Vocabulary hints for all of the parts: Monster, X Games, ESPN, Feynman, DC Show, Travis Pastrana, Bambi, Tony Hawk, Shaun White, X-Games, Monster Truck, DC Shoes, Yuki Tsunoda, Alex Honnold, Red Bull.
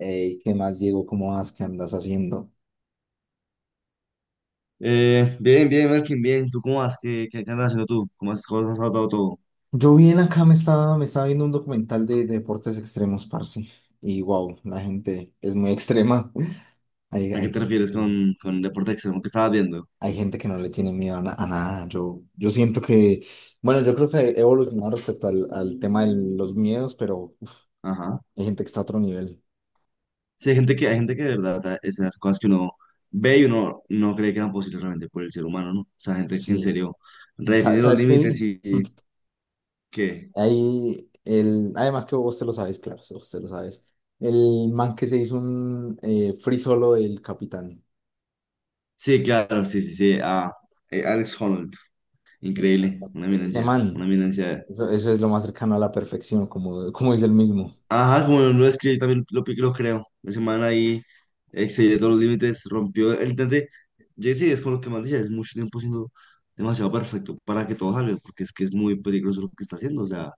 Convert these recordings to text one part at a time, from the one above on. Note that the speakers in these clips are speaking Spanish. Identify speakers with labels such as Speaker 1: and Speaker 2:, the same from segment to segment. Speaker 1: Ey, ¿qué más, Diego? ¿Cómo vas? ¿Qué andas haciendo?
Speaker 2: Bien, bien, Melkin, bien. ¿Tú cómo vas? ¿Qué andas haciendo tú? ¿Cómo has estado todo?
Speaker 1: Yo bien acá me estaba viendo un documental de deportes extremos, parce. Y wow, la gente es muy extrema. Hay,
Speaker 2: ¿A qué
Speaker 1: hay
Speaker 2: te
Speaker 1: gente
Speaker 2: refieres con,
Speaker 1: que,
Speaker 2: con deporte extremo que estabas viendo?
Speaker 1: hay gente que no le tiene miedo a nada. Yo siento que, bueno, yo creo que he evolucionado respecto al tema de los miedos, pero uf,
Speaker 2: Ajá.
Speaker 1: hay gente que está a otro nivel.
Speaker 2: Sí, hay gente que de verdad, esas cosas que uno ve y uno no cree que eran posibles realmente por el ser humano, ¿no? O sea, gente que en
Speaker 1: Sí.
Speaker 2: serio redefine los
Speaker 1: ¿Sabes qué?
Speaker 2: límites
Speaker 1: Vi?
Speaker 2: y que.
Speaker 1: Ahí el, además que vos te lo sabes, claro, vos te lo sabes. El man que se hizo un free solo del capitán.
Speaker 2: Sí, claro, sí, sí, sí. Ah, Alex Honnold, increíble, una
Speaker 1: Exactamente. Ese
Speaker 2: eminencia, una
Speaker 1: man,
Speaker 2: eminencia.
Speaker 1: eso es lo más cercano a la perfección, como dice el mismo.
Speaker 2: Ajá, como lo escribí, yo también lo creo. La semana ahí excedió todos los límites, rompió el intente. Jesse es con lo que más decía, es mucho tiempo siendo demasiado perfecto para que todo salga, porque es que es muy peligroso lo que está haciendo. O sea,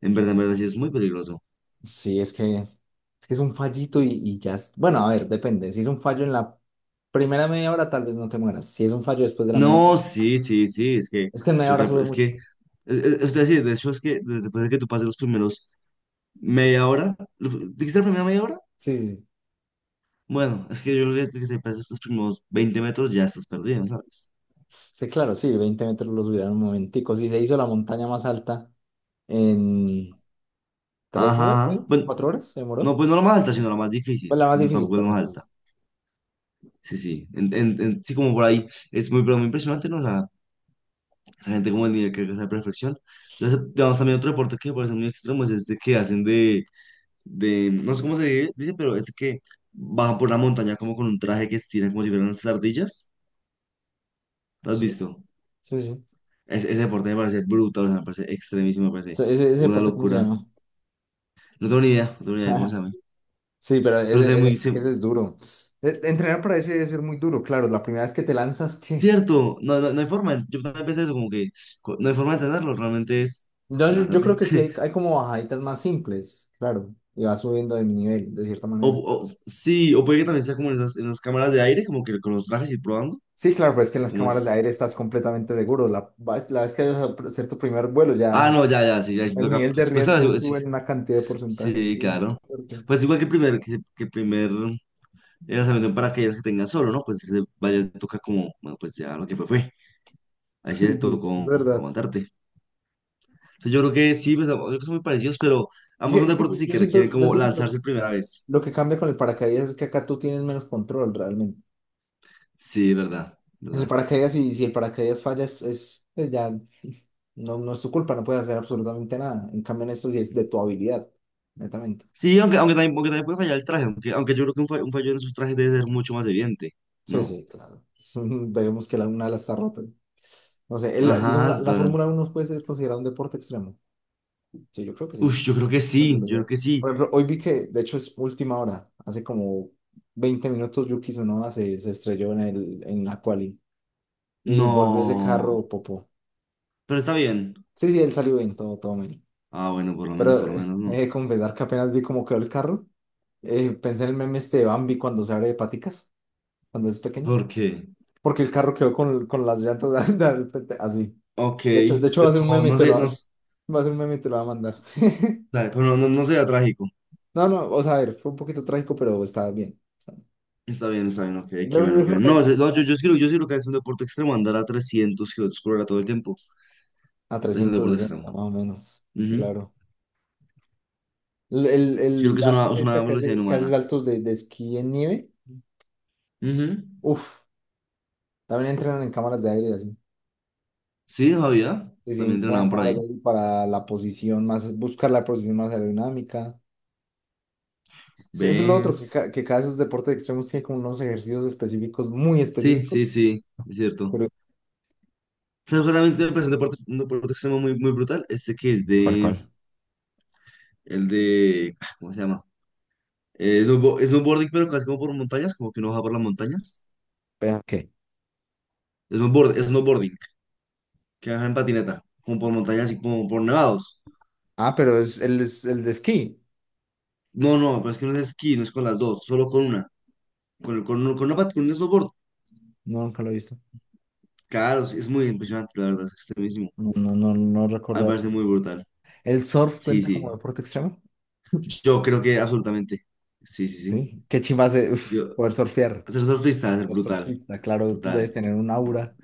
Speaker 2: en verdad, sí es muy peligroso.
Speaker 1: Sí, es que es un fallito y ya. Bueno, a ver, depende. Si es un fallo en la primera media hora, tal vez no te mueras. Si es un fallo después de la media hora,
Speaker 2: No, sí, sí, sí, es que
Speaker 1: es que en media
Speaker 2: yo
Speaker 1: hora
Speaker 2: creo,
Speaker 1: sube mucho.
Speaker 2: es decir, de hecho, es que después de que tú pases los primeros media hora, ¿dijiste la primera media hora?
Speaker 1: Sí, sí, sí.
Speaker 2: Bueno, es que yo creo que desde que te pases los primeros 20 metros ya estás perdido, ¿sabes?
Speaker 1: Sí, claro, sí, 20 metros lo subirán un momentico. Si se hizo la montaña más alta en 3 horas,
Speaker 2: Ajá.
Speaker 1: ¿eh?
Speaker 2: Ajá. Bueno.
Speaker 1: ¿4 horas? ¿Se
Speaker 2: No,
Speaker 1: demoró?
Speaker 2: pues no la más alta, sino la más difícil.
Speaker 1: Pues la
Speaker 2: Es
Speaker 1: más
Speaker 2: que
Speaker 1: difícil,
Speaker 2: tampoco es la más
Speaker 1: perdón.
Speaker 2: alta.
Speaker 1: Sí,
Speaker 2: Sí, sí. Sí, como por ahí. Es muy, pero muy impresionante, ¿no? Esa gente como el nivel que alcanza de perfección. Digamos, también otro deporte que me parece muy extremo es este que hacen no sé cómo se dice, pero es que bajan por una montaña como con un traje que estiran como si fueran unas ardillas. ¿Lo has
Speaker 1: sí,
Speaker 2: visto?
Speaker 1: sí. Sí.
Speaker 2: Ese deporte me parece brutal, o sea, me parece extremísimo, me
Speaker 1: Sí.
Speaker 2: parece
Speaker 1: Ese
Speaker 2: una
Speaker 1: deporte, ¿cómo se
Speaker 2: locura.
Speaker 1: llama?
Speaker 2: No tengo ni idea, no tengo ni idea de cómo se llama.
Speaker 1: Sí, pero ese,
Speaker 2: Pero se ve
Speaker 1: ese-
Speaker 2: muy, se-
Speaker 1: ese es duro. Entrenar para ese debe ser muy duro, claro. La primera vez que te lanzas, ¿qué?
Speaker 2: Cierto, no, no, no hay forma. Yo también pensé eso, como que no hay forma de tenerlo, realmente es.
Speaker 1: No, yo creo
Speaker 2: Lázate.
Speaker 1: que sí hay, hay como bajaditas más simples, claro. Y vas subiendo de nivel, de cierta manera.
Speaker 2: O, sí, o puede que también sea como en esas, en las cámaras de aire, como que con los trajes y probando.
Speaker 1: Sí, claro, pues es que en las
Speaker 2: Como
Speaker 1: cámaras de
Speaker 2: es.
Speaker 1: aire estás completamente seguro. La vez que vayas a hacer tu primer vuelo,
Speaker 2: Ah,
Speaker 1: ya
Speaker 2: no, ya, ya, sí, ya sí
Speaker 1: el
Speaker 2: toca.
Speaker 1: nivel de
Speaker 2: Pues
Speaker 1: riesgo
Speaker 2: claro, sí,
Speaker 1: sube en una cantidad de porcentaje
Speaker 2: sí,
Speaker 1: muy
Speaker 2: claro.
Speaker 1: fuerte.
Speaker 2: Pues igual que el primer, que el primer lanzamiento en paracaídas que tenga solo, ¿no? Pues ese vaya, toca como, bueno, pues ya lo que fue, fue. Ahí sí
Speaker 1: Sí,
Speaker 2: te
Speaker 1: sí, es
Speaker 2: tocó
Speaker 1: verdad.
Speaker 2: aguantarte. Entonces yo creo que sí, pues yo creo que son muy parecidos, pero
Speaker 1: Es que,
Speaker 2: ambos son
Speaker 1: es que yo,
Speaker 2: deportes y
Speaker 1: yo
Speaker 2: que requieren
Speaker 1: siento, yo
Speaker 2: como
Speaker 1: siento que lo,
Speaker 2: lanzarse primera vez.
Speaker 1: lo que cambia con el paracaídas es que acá tú tienes menos control realmente.
Speaker 2: Sí, verdad,
Speaker 1: El
Speaker 2: verdad.
Speaker 1: paracaídas, si el paracaídas falla, es, pues ya, no, no es tu culpa, no puedes hacer absolutamente nada. En cambio, en esto sí es de tu habilidad, netamente.
Speaker 2: Sí, también, aunque también puede fallar el traje, aunque yo creo que un fallo en sus trajes debe ser mucho más evidente,
Speaker 1: Sí,
Speaker 2: ¿no?
Speaker 1: sí, claro. Vemos que la una ala está rota. No sé, digamos,
Speaker 2: Ajá,
Speaker 1: la
Speaker 2: total.
Speaker 1: Fórmula 1 puede ser considerada un deporte extremo. Sí, yo creo que sí.
Speaker 2: Ush, yo creo que
Speaker 1: Tal
Speaker 2: sí,
Speaker 1: vez lo
Speaker 2: yo creo
Speaker 1: sea.
Speaker 2: que sí.
Speaker 1: Por ejemplo, hoy vi que, de hecho, es última hora. Hace como 20 minutos Yuki Tsunoda se estrelló en la quali y volvió ese
Speaker 2: No,
Speaker 1: carro, popó.
Speaker 2: pero está bien.
Speaker 1: Sí, sí, él salió bien, todo, todo.
Speaker 2: Ah, bueno,
Speaker 1: Pero
Speaker 2: por lo menos
Speaker 1: he
Speaker 2: no.
Speaker 1: de confesar que apenas vi cómo quedó el carro. Pensé en el meme este de Bambi cuando se abre de paticas, cuando es pequeño.
Speaker 2: ¿Por qué?
Speaker 1: Porque el carro quedó con las llantas, de al frente, así.
Speaker 2: Ok,
Speaker 1: De hecho va a
Speaker 2: pero
Speaker 1: ser un meme y
Speaker 2: no sé, no,
Speaker 1: va a ser un meme y te lo va a mandar.
Speaker 2: dale, pero no, no, no sea trágico.
Speaker 1: No, no, o sea, a ver, fue un poquito trágico, pero estaba bien. Está bien.
Speaker 2: Está bien, ok, qué
Speaker 1: Yo,
Speaker 2: bueno,
Speaker 1: yo
Speaker 2: qué
Speaker 1: creo que
Speaker 2: bueno.
Speaker 1: es
Speaker 2: No,
Speaker 1: cuando
Speaker 2: no,
Speaker 1: van
Speaker 2: yo sí creo que es un deporte extremo, andar a 300 kilómetros por hora todo el tiempo
Speaker 1: a
Speaker 2: es un deporte
Speaker 1: 360,
Speaker 2: extremo.
Speaker 1: más o menos.
Speaker 2: Ujú.
Speaker 1: Claro. El, el-
Speaker 2: Yo creo
Speaker 1: el-
Speaker 2: que es
Speaker 1: la
Speaker 2: una, es
Speaker 1: gente
Speaker 2: una
Speaker 1: esta que
Speaker 2: velocidad
Speaker 1: hace, que hace
Speaker 2: inhumana.
Speaker 1: saltos de esquí en nieve,
Speaker 2: Ujú.
Speaker 1: uff, también entrenan en cámaras de aire y así.
Speaker 2: Sí, Javier,
Speaker 1: Se
Speaker 2: también
Speaker 1: sientan en
Speaker 2: entrenaban por
Speaker 1: cámaras de
Speaker 2: ahí.
Speaker 1: aire para buscar la posición más aerodinámica. Eso es lo
Speaker 2: Ve.
Speaker 1: otro, que cada de esos deportes extremos tiene como unos ejercicios específicos, muy
Speaker 2: Sí, sí,
Speaker 1: específicos.
Speaker 2: sí, es cierto.
Speaker 1: Pero,
Speaker 2: ¿Sabes cuál también me presenté un deporte extremo muy, muy brutal? Este que es
Speaker 1: ¿Cuál, cuál?
Speaker 2: el de, ah, ¿cómo se llama? Snowboarding, pero casi como por montañas, como que uno baja por las montañas.
Speaker 1: ¿Pero qué?
Speaker 2: Snowboarding, que baja en patineta, como por montañas y como por nevados.
Speaker 1: Ah, pero es el de esquí.
Speaker 2: No, no, pero es que no es esquí, no es con las dos, solo con una. Con un snowboard.
Speaker 1: No, nunca lo he visto.
Speaker 2: Claro, sí, es muy impresionante, la verdad, es extremísimo.
Speaker 1: No, no, no, no
Speaker 2: A mí
Speaker 1: recuerdo
Speaker 2: me
Speaker 1: haberlo
Speaker 2: parece muy
Speaker 1: visto.
Speaker 2: brutal.
Speaker 1: ¿El surf
Speaker 2: Sí,
Speaker 1: cuenta como
Speaker 2: sí.
Speaker 1: deporte extremo?
Speaker 2: Yo creo que absolutamente. Sí, sí, sí.
Speaker 1: Sí. Qué chimba hace, uf,
Speaker 2: Yo,
Speaker 1: poder surfear,
Speaker 2: Ser surfista es
Speaker 1: ser
Speaker 2: brutal,
Speaker 1: surfista, claro, debes
Speaker 2: total.
Speaker 1: tener un aura.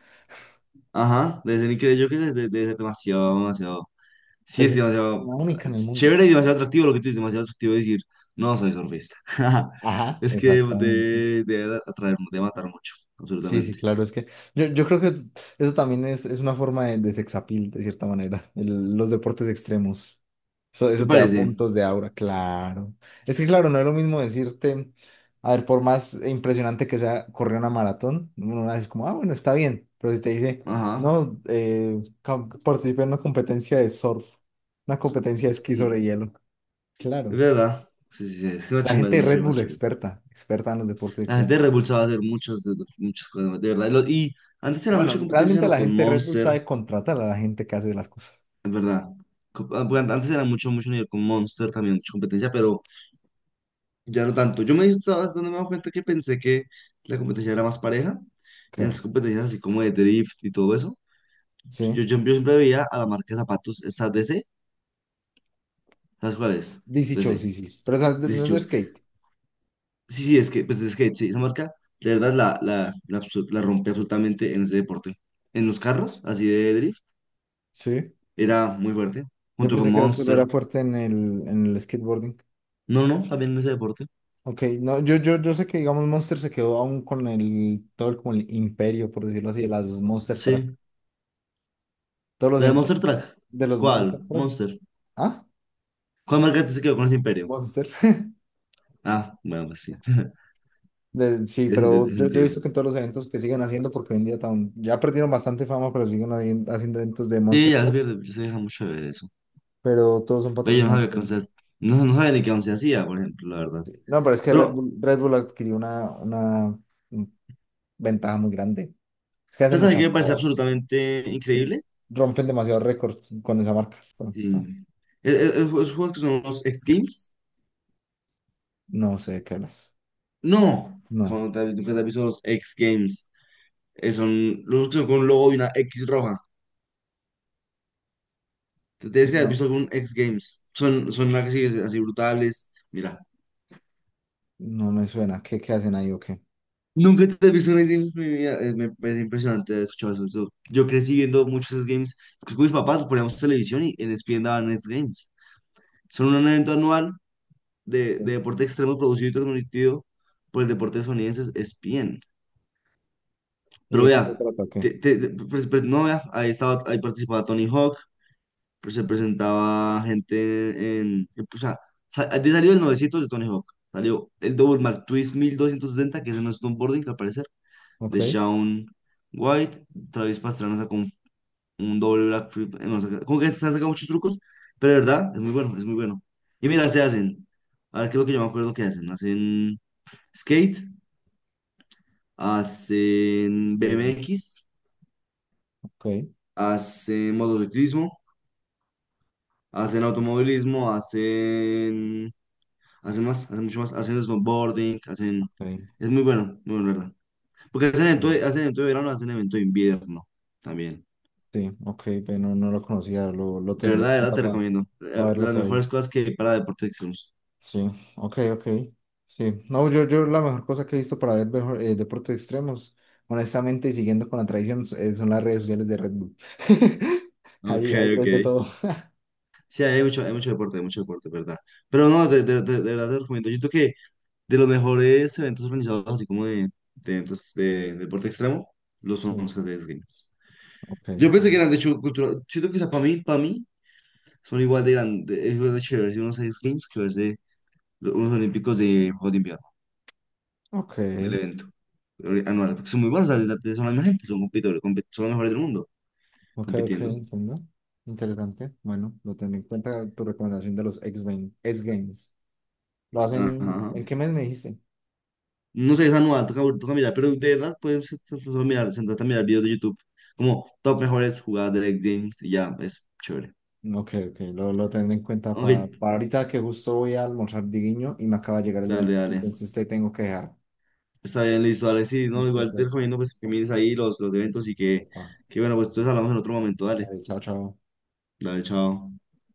Speaker 2: Ajá, desde ni increíble, yo que desde demasiado, demasiado. Sí,
Speaker 1: Te
Speaker 2: es
Speaker 1: sientes una
Speaker 2: demasiado
Speaker 1: persona única en el mundo.
Speaker 2: chévere y demasiado atractivo lo que tú dices, demasiado atractivo decir, no soy surfista.
Speaker 1: Ajá,
Speaker 2: Es que
Speaker 1: exactamente.
Speaker 2: de atraer, de matar mucho,
Speaker 1: Sí, sí,
Speaker 2: absolutamente.
Speaker 1: claro, es que yo creo que eso también es una forma de sexapil, de cierta manera, los deportes extremos. Eso,
Speaker 2: ¿Te
Speaker 1: eso te da
Speaker 2: parece?
Speaker 1: puntos de aura, claro. Es que, claro, no es lo mismo decirte, a ver, por más impresionante que sea correr una maratón, uno dice como, ah, bueno, está bien, pero si te dice,
Speaker 2: Ajá.
Speaker 1: no, participé en una competencia de surf, una competencia de esquí
Speaker 2: Mm.
Speaker 1: sobre hielo,
Speaker 2: Es
Speaker 1: claro.
Speaker 2: verdad. Sí, sí, sí. Es que más
Speaker 1: La
Speaker 2: chimba,
Speaker 1: gente de
Speaker 2: más
Speaker 1: Red
Speaker 2: chévere, más
Speaker 1: Bull
Speaker 2: chévere.
Speaker 1: experta, experta en los deportes
Speaker 2: La gente de
Speaker 1: extremos.
Speaker 2: Red Bull sabe hacer muchos, muchas cosas, de verdad. Y antes era
Speaker 1: Bueno,
Speaker 2: mucha competencia,
Speaker 1: realmente
Speaker 2: ¿no?
Speaker 1: la
Speaker 2: Con
Speaker 1: gente de Red Bull
Speaker 2: Monster.
Speaker 1: sabe contratar a la gente que hace las cosas.
Speaker 2: Es verdad. Ah, porque antes era mucho, mucho nivel con Monster, también mucha competencia, pero ya no tanto. ¿Sabes dónde me he dado cuenta? Que pensé que la competencia era más pareja. En
Speaker 1: Creo.
Speaker 2: las competencias así como de drift y todo eso. Yo, yo,
Speaker 1: Sí.
Speaker 2: yo siempre veía a la marca de zapatos, esta DC, ¿sabes cuál es?
Speaker 1: DC Show,
Speaker 2: DC,
Speaker 1: sí, sí. Pero esa es
Speaker 2: DC
Speaker 1: no es de
Speaker 2: Shoes.
Speaker 1: skate.
Speaker 2: Sí, sí, es que, pues es que sí, esa marca, de verdad, la rompe absolutamente en ese deporte. En los carros, así de drift,
Speaker 1: Sí.
Speaker 2: era muy fuerte.
Speaker 1: Yo
Speaker 2: Junto con
Speaker 1: pensé que era solo
Speaker 2: Monster.
Speaker 1: era fuerte en el skateboarding.
Speaker 2: No, no, también en ese deporte.
Speaker 1: Ok, no, yo sé que, digamos, Monster se quedó aún con el, todo el, como el imperio, por decirlo así, de las Monster Truck.
Speaker 2: Sí.
Speaker 1: Todos los
Speaker 2: ¿La de Monster
Speaker 1: eventos
Speaker 2: Truck?
Speaker 1: de los
Speaker 2: ¿Cuál?
Speaker 1: Monster Truck.
Speaker 2: Monster.
Speaker 1: Ah,
Speaker 2: ¿Cuál marca se quedó con ese imperio?
Speaker 1: Monster.
Speaker 2: Ah, bueno, pues sí.
Speaker 1: Sí,
Speaker 2: Tiene sentido.
Speaker 1: pero
Speaker 2: Tiene
Speaker 1: yo he
Speaker 2: sentido.
Speaker 1: visto que en todos los eventos que siguen haciendo, porque hoy en día, ya perdieron bastante fama, pero siguen haciendo eventos de
Speaker 2: Sí,
Speaker 1: Monster
Speaker 2: ya se
Speaker 1: Truck.
Speaker 2: pierde, se deja mucho de eso.
Speaker 1: Pero todos son
Speaker 2: Pero yo no
Speaker 1: patrocinados
Speaker 2: sabía
Speaker 1: por
Speaker 2: que once,
Speaker 1: Monster.
Speaker 2: no, no sabía ni qué once hacía, por ejemplo, la verdad.
Speaker 1: No, pero es que Red
Speaker 2: Pero,
Speaker 1: Bull, Red Bull adquirió una ventaja muy grande. Es que hacen
Speaker 2: ¿sabes a mí qué
Speaker 1: muchas
Speaker 2: me parece
Speaker 1: cosas.
Speaker 2: absolutamente increíble?
Speaker 1: Rompen demasiados récords con esa marca. Bueno, ah.
Speaker 2: Sí. Esos juegos que son los X Games.
Speaker 1: No sé de qué hablas.
Speaker 2: No,
Speaker 1: No,
Speaker 2: como te, nunca te has visto los X Games. Son los que son con un logo y una X roja. Te tienes que haber
Speaker 1: no,
Speaker 2: visto algún X Games. Son las que así, así brutales. Mira.
Speaker 1: no me suena. ¿Qué hacen ahí o qué?
Speaker 2: Nunca te has visto unos games en mi vida. Me parece impresionante escuchar eso. Yo crecí viendo muchos de esos games. Pues con mis papás nos poníamos televisión y en ESPN daban esos games. Son un evento anual de
Speaker 1: Sí.
Speaker 2: deporte extremo producido y transmitido por el deporte estadounidense ESPN.
Speaker 1: ¿Y
Speaker 2: Pero
Speaker 1: de qué se
Speaker 2: vea,
Speaker 1: trata o qué?
Speaker 2: pues, no vea, ahí estaba, ahí participaba Tony Hawk, pues se presentaba gente pues, o sea, de salió el 900 de Tony Hawk. Salió el Double McTwist 1260 que es en snowboarding, al parecer.
Speaker 1: Ok,
Speaker 2: De Shaun White. Travis Pastrana sacó un doble Black Flip. No, como que se han sacado muchos trucos, pero de verdad es muy bueno, es muy bueno. Y mira, se hacen. A ver qué es lo que yo me acuerdo que hacen. Hacen skate, hacen
Speaker 1: interesante.
Speaker 2: BMX,
Speaker 1: Ok,
Speaker 2: hacen motociclismo, hacen automovilismo, hacen. Hacen más, hacen mucho más, hacen snowboarding, hacen.
Speaker 1: ok.
Speaker 2: Es muy bueno, muy bueno, la ¿verdad? Porque
Speaker 1: Mm.
Speaker 2: hacen evento de verano, hacen evento de invierno también.
Speaker 1: Sí, ok, pero no, no lo conocía, lo tendré en
Speaker 2: De verdad
Speaker 1: cuenta
Speaker 2: te
Speaker 1: para
Speaker 2: recomiendo. De
Speaker 1: verlo
Speaker 2: las
Speaker 1: por
Speaker 2: mejores
Speaker 1: ahí.
Speaker 2: cosas que hay para deportes extremos.
Speaker 1: Sí, ok, ok. Sí, no, yo la mejor cosa que he visto para ver mejor, deportes extremos, honestamente, y siguiendo con la tradición, son las redes sociales de Red Bull.
Speaker 2: Ok,
Speaker 1: Ahí ves de
Speaker 2: ok.
Speaker 1: todo.
Speaker 2: Sí, hay mucho deporte, ¿verdad? Pero no, de verdad te recomiendo. Yo creo que de los mejores eventos organizados, así como de, eventos de, deporte extremo, los son
Speaker 1: Sí,
Speaker 2: los que se Games.
Speaker 1: ok,
Speaker 2: Yo
Speaker 1: ok.
Speaker 2: pensé que eran, de hecho, cultural. Siento que, o sea, para mí, son igual de grandes, es igual de chéveres unos X Games que verse unos Olímpicos de Juegos de Invierno,
Speaker 1: Ok,
Speaker 2: del evento anual, porque son muy buenos, o sea, son la misma gente, son competidores, son los mejores del mundo,
Speaker 1: ok, ok,
Speaker 2: compitiendo.
Speaker 1: entiendo. Interesante. Bueno, lo tendré en cuenta tu recomendación de los X-Games. X-Games. ¿Lo hacen
Speaker 2: Ajá.
Speaker 1: en qué mes me dijiste?
Speaker 2: No sé, esa nueva, toca, toca mirar, pero de verdad, puedes sentarte a mirar videos de YouTube, como top mejores jugadas de League Games y ya, es chévere.
Speaker 1: Ok, ok, lo tendré en cuenta
Speaker 2: Ok,
Speaker 1: para ahorita que justo voy a almorzar diguiño y me acaba de llegar el
Speaker 2: dale,
Speaker 1: domicilio,
Speaker 2: dale.
Speaker 1: entonces te tengo que dejar.
Speaker 2: Está bien, listo, dale, sí, no,
Speaker 1: Listo,
Speaker 2: igual te
Speaker 1: pues.
Speaker 2: recomiendo pues que mires ahí los eventos y que,
Speaker 1: Epa,
Speaker 2: que bueno, pues entonces hablamos en otro momento, dale,
Speaker 1: dale, chao, chao.
Speaker 2: dale, chao.